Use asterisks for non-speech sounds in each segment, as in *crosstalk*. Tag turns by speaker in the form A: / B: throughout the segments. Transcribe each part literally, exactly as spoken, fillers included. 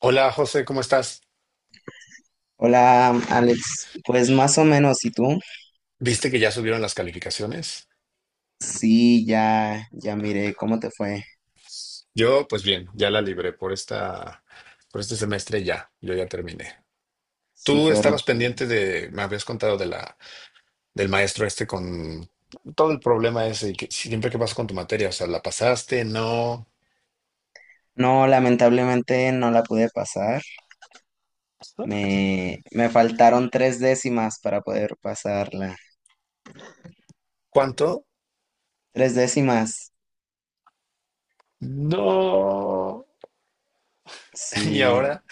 A: Hola José, ¿cómo estás?
B: Hola, Alex. Pues más o menos, ¿y tú?
A: ¿Viste que ya subieron las calificaciones?
B: Sí, ya, ya miré cómo te fue.
A: Yo, pues bien, ya la libré por esta, por este semestre ya, yo ya terminé. Tú
B: Súper.
A: estabas pendiente de, me habías contado de la, del maestro este con todo el problema ese, y que siempre que pasa con tu materia, o sea, ¿la pasaste? No.
B: No, lamentablemente no la pude pasar. Me, me faltaron tres décimas para poder pasarla.
A: ¿Cuánto?
B: Tres décimas.
A: No. *laughs* Y
B: Sí,
A: ahora,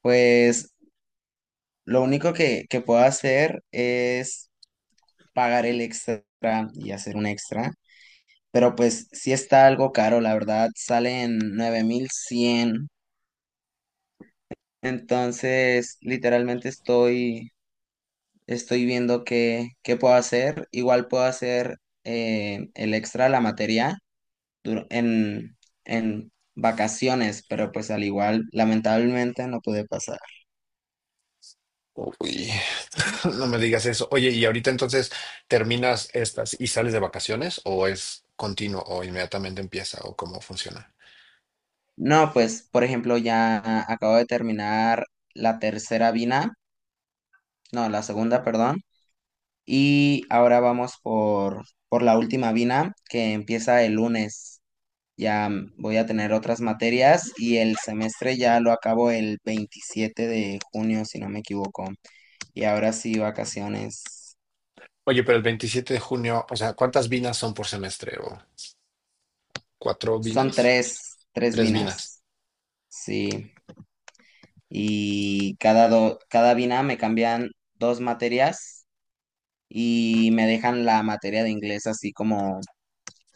B: pues lo único que, que puedo hacer es pagar el extra y hacer un extra. Pero pues sí está algo caro, la verdad. Salen nueve mil cien. Entonces, literalmente estoy, estoy viendo qué, qué puedo hacer. Igual puedo hacer eh, el extra, la materia, dur- en, en vacaciones, pero pues al igual, lamentablemente no pude pasar.
A: uy, *laughs* no me digas eso. Oye, y ahorita entonces terminas estas y sales de vacaciones o es continuo o inmediatamente empieza o ¿cómo funciona?
B: No, pues, por ejemplo, ya acabo de terminar la tercera vina, no, la segunda, perdón, y ahora vamos por, por la última vina que empieza el lunes. Ya mm, voy a tener otras materias y el semestre ya lo acabo el veintisiete de junio, si no me equivoco. Y ahora sí, vacaciones.
A: Oye, pero el veintisiete de junio, o sea, ¿cuántas vinas son por semestre? ¿O cuatro
B: Son
A: vinas?
B: tres, tres
A: Tres vinas.
B: binas. Sí. Y cada, do- cada bina me cambian dos materias y me dejan la materia de inglés así como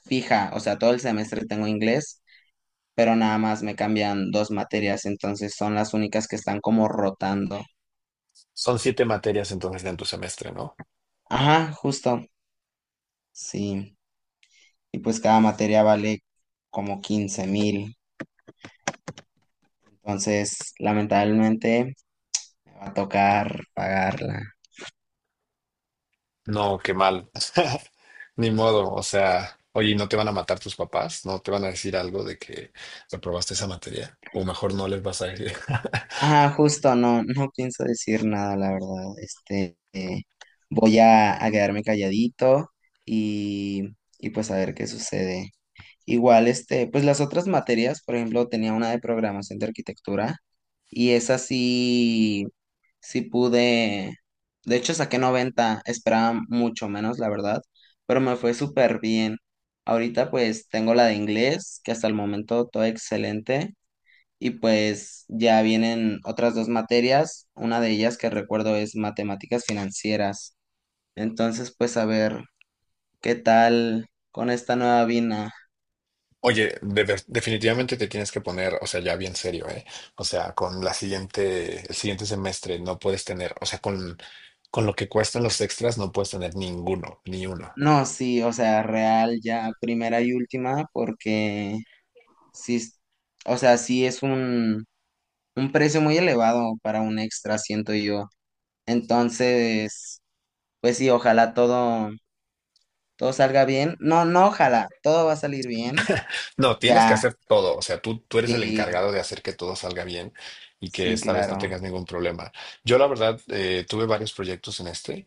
B: fija. O sea, todo el semestre tengo inglés, pero nada más me cambian dos materias. Entonces son las únicas que están como rotando.
A: Son siete materias entonces en tu semestre, ¿no?
B: Ajá, justo. Sí. Y pues cada materia vale como quince mil. Entonces, lamentablemente, me va a tocar pagarla.
A: No, qué mal. *laughs* Ni modo, o sea, oye, ¿y ¿no te van a matar tus papás? ¿No te van a decir algo de que reprobaste esa materia? O mejor no les vas a decir. *laughs*
B: Ajá, justo, no, no pienso decir nada, la verdad. Este, eh, voy a, a quedarme calladito y, y pues a ver qué sucede. Igual, este, pues las otras materias, por ejemplo, tenía una de programación de arquitectura y esa sí, sí pude. De hecho, saqué noventa. Esperaba mucho menos, la verdad, pero me fue súper bien. Ahorita pues tengo la de inglés, que hasta el momento todo excelente, y pues ya vienen otras dos materias, una de ellas que recuerdo es matemáticas financieras. Entonces pues a ver, ¿qué tal con esta nueva vina?
A: Oye, de ver- definitivamente te tienes que poner, o sea, ya bien serio, ¿eh? O sea, con la siguiente, el siguiente semestre no puedes tener, o sea, con, con lo que cuestan los extras no puedes tener ninguno, ni uno.
B: No, sí, o sea, real ya primera y última, porque sí, es- o sea, sí es un un precio muy elevado para un extra, siento yo. Entonces, pues sí, ojalá todo, todo salga bien. No, no, ojalá, todo va a salir bien.
A: No, tienes que
B: Ya,
A: hacer todo, o sea, tú, tú eres el
B: sí,
A: encargado de hacer que todo salga bien y que
B: sí,
A: esta vez no
B: claro.
A: tengas ningún problema. Yo la verdad eh, tuve varios proyectos en este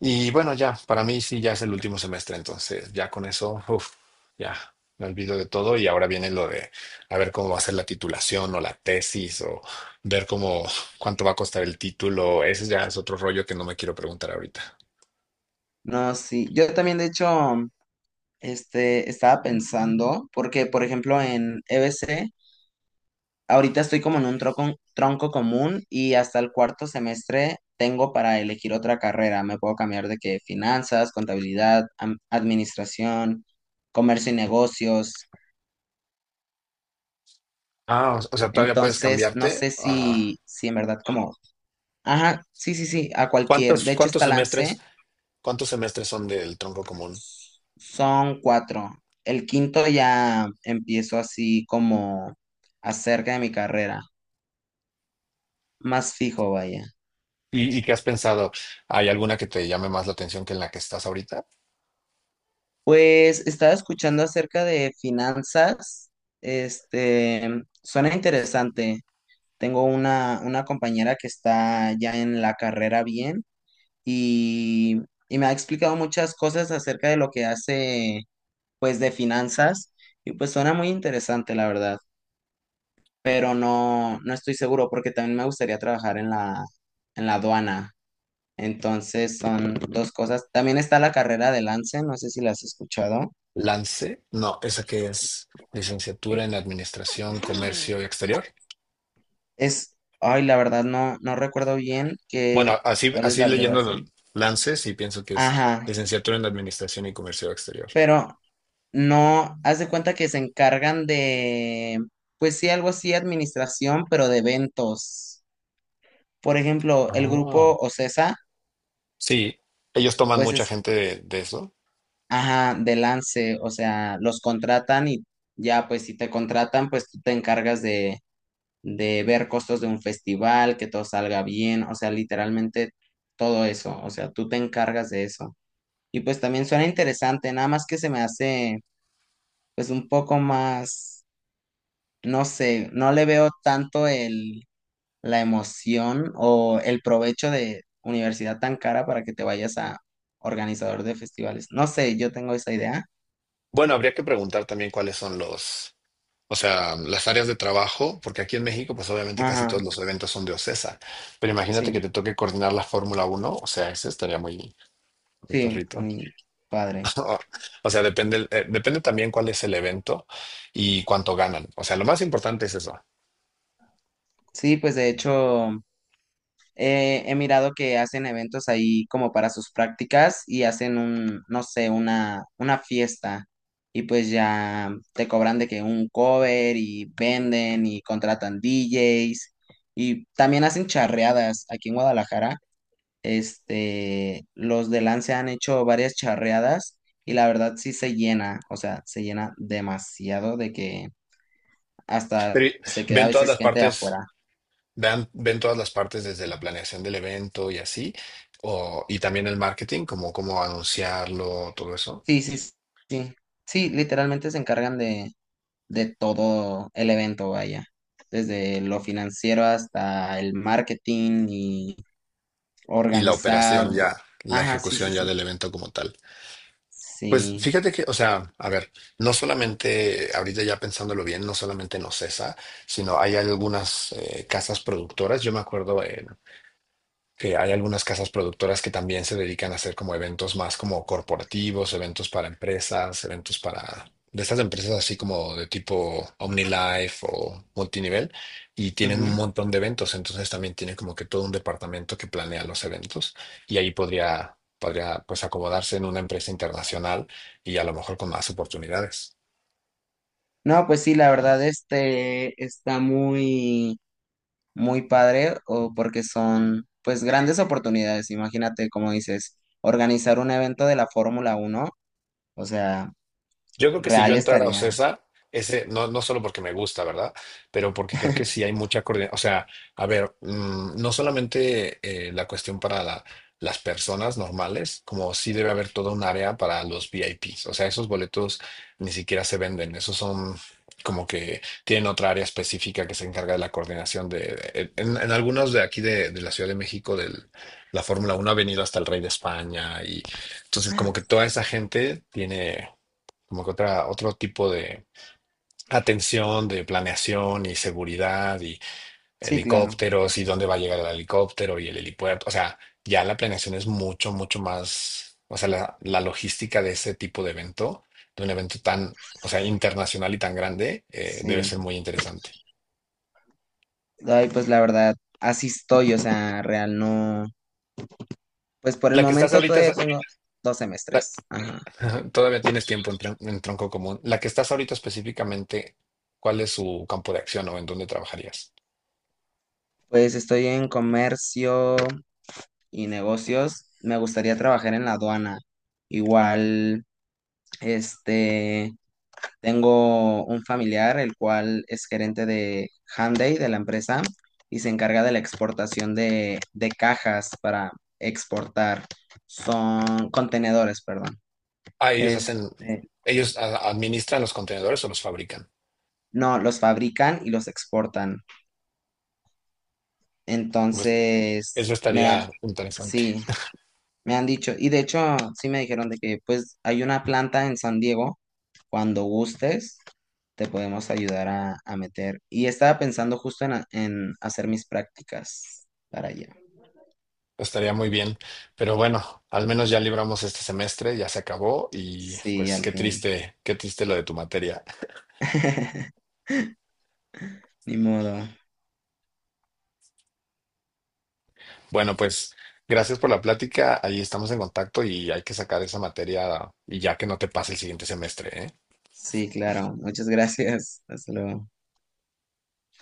A: y bueno, ya, para mí sí, ya es el último semestre, entonces ya con eso, uf, ya me olvido de todo y ahora viene lo de a ver cómo va a ser la titulación o la tesis o ver cómo cuánto va a costar el título, ese ya es otro rollo que no me quiero preguntar ahorita.
B: No, sí. Yo también, de hecho, este, estaba pensando, porque, por ejemplo, en E B C ahorita estoy como en un tronco tronco común y hasta el cuarto semestre tengo para elegir otra carrera. Me puedo cambiar de que finanzas, contabilidad, am- administración, comercio y negocios.
A: Ah, o o sea, todavía puedes
B: Entonces, no
A: cambiarte
B: sé
A: a...
B: si, si en verdad como, ajá, sí, sí, sí, a cualquier.
A: ¿Cuántos,
B: De hecho,
A: cuántos
B: esta lancé,
A: semestres? ¿Cuántos semestres son del tronco común?
B: s- son cuatro. El quinto ya empiezo así como acerca de mi carrera, más fijo, vaya.
A: ¿Y, y qué has pensado? ¿Hay alguna que te llame más la atención que en la que estás ahorita?
B: Pues estaba escuchando acerca de finanzas. Este, suena interesante. Tengo una, una compañera que está ya en la carrera bien y, y me ha explicado muchas cosas acerca de lo que hace, pues, de finanzas. Y pues suena muy interesante, la verdad. Pero no, no estoy seguro porque también me gustaría trabajar en la, en la aduana. Entonces son dos cosas. También está la carrera de Lance, no sé si la has escuchado.
A: Lance, no, esa que es licenciatura en Administración, Comercio Exterior.
B: Es, ay, la verdad no, no recuerdo bien que,
A: Bueno, así,
B: cuál es
A: así
B: la
A: leyendo lo-
B: abreviación.
A: Lance, sí pienso que es
B: Ajá,
A: licenciatura en Administración y Comercio Exterior.
B: pero no, haz de cuenta que se encargan de, pues sí, algo así, administración, pero de eventos. Por ejemplo, el
A: Ah,
B: grupo OCESA,
A: sí, ellos toman
B: pues
A: mucha
B: es,
A: gente de, de eso.
B: ajá, de Lance, o sea, los contratan y ya, pues si te contratan, pues tú te encargas de, de ver costos de un festival, que todo salga bien, o sea, literalmente todo eso, o sea, tú te encargas de eso. Y pues también suena interesante, nada más que se me hace pues un poco más, no sé, no le veo tanto el, la emoción o el provecho de universidad tan cara para que te vayas a organizador de festivales. No sé, yo tengo esa idea.
A: Bueno, habría que preguntar también cuáles son los, o sea, las áreas de trabajo, porque aquí en México, pues obviamente casi todos
B: Ajá,
A: los eventos son de OCESA, pero imagínate
B: sí,
A: que te toque coordinar la Fórmula Uno, o sea, ese estaría muy, muy
B: sí,
A: perrito.
B: muy padre.
A: *laughs* O sea, depende, el- eh, depende también cuál es el evento y cuánto ganan. O sea, lo más importante es eso.
B: Sí, pues de hecho, Eh, he mirado que hacen eventos ahí como para sus prácticas y hacen un, no sé, una, una fiesta y pues ya te cobran de que un cover y venden y contratan D Js y también hacen charreadas aquí en Guadalajara. Este, los de Lance han hecho varias charreadas y la verdad sí se llena, o sea, se llena demasiado de que hasta
A: Pero y-
B: se queda a
A: Ven todas
B: veces
A: las
B: gente de
A: partes,
B: afuera.
A: vean, ven todas las partes desde la planeación del evento y así, o, y también el marketing, como cómo anunciarlo, todo eso,
B: Sí, sí, sí. Sí, literalmente se encargan de, de todo el evento, vaya, desde lo financiero hasta el marketing y
A: y la
B: organizar.
A: operación ya, la
B: Ajá, sí, sí,
A: ejecución ya
B: sí.
A: del evento como tal. Pues
B: Sí.
A: fíjate que, o sea, a ver, no solamente, ahorita ya pensándolo bien, no solamente en OCESA, sino hay algunas eh, casas productoras. Yo me acuerdo en, que hay algunas casas productoras que también se dedican a hacer como eventos más como corporativos, eventos para empresas, eventos para de estas empresas así como de tipo OmniLife o multinivel y tienen
B: Ujú.
A: un montón de eventos, entonces también tienen como que todo un departamento que planea los eventos y ahí podría podría pues acomodarse en una empresa internacional y a lo mejor con más oportunidades.
B: No, pues sí, la verdad, este está muy, muy padre, o porque son, pues, grandes oportunidades. Imagínate, como dices, organizar un evento de la Fórmula Uno, o sea,
A: Yo creo que si yo
B: real
A: entrara a
B: estaría.
A: OCESA, ese, no, no solo porque me gusta, ¿verdad? Pero porque creo que sí hay mucha coordinación. O sea, a ver, mm, no solamente eh, la cuestión para la- las personas normales, como sí debe haber toda un área para los V I Ps. O sea, esos boletos ni siquiera se venden. Esos son como que tienen otra área específica que se encarga de la coordinación de. En, en algunos de aquí de, de la Ciudad de México, del, la Fórmula Uno ha venido hasta el Rey de España y. Entonces, como que toda esa gente tiene como que otra, otro tipo de atención, de planeación y seguridad y
B: Sí, claro.
A: helicópteros y dónde va a llegar el helicóptero y el helipuerto. O sea, ya la planeación es mucho, mucho más, o sea, la, la logística de ese tipo de evento, de un evento tan, o sea, internacional y tan grande, eh, debe ser
B: Sí.
A: muy interesante.
B: Ay, pues la verdad, así estoy, o sea, real no. Pues por el
A: La que estás
B: momento
A: ahorita,
B: todavía
A: es-
B: tengo dos
A: la-
B: semestres. Ajá.
A: *laughs* todavía tienes tiempo en, tron- en tronco común. La que estás ahorita específicamente, ¿cuál es su campo de acción o en dónde trabajarías?
B: Pues estoy en comercio y negocios. Me gustaría trabajar en la aduana. Igual, este, tengo un familiar, el cual es gerente de Hyundai, de la empresa, y se encarga de la exportación de, de cajas para exportar. Son contenedores, perdón.
A: Ah, ellos hacen,
B: Este,
A: ellos a- administran los contenedores o los fabrican.
B: no, los fabrican y los exportan.
A: Pues, eso
B: Entonces, me, ha-
A: estaría interesante,
B: sí, me han dicho, y de hecho sí me dijeron de que pues hay una planta en San Diego, cuando gustes, te podemos ayudar a, a meter. Y estaba pensando justo en, a- en hacer mis prácticas para allá.
A: estaría muy bien. Pero bueno, al menos ya libramos este semestre, ya se acabó y
B: Sí,
A: pues
B: al
A: qué
B: fin.
A: triste, qué triste lo de tu materia.
B: *laughs* Ni modo.
A: Bueno, pues gracias por la plática, ahí estamos en contacto y hay que sacar esa materia y ya que no te pase el siguiente semestre, ¿eh?
B: Sí, claro. Muchas gracias. Hasta luego.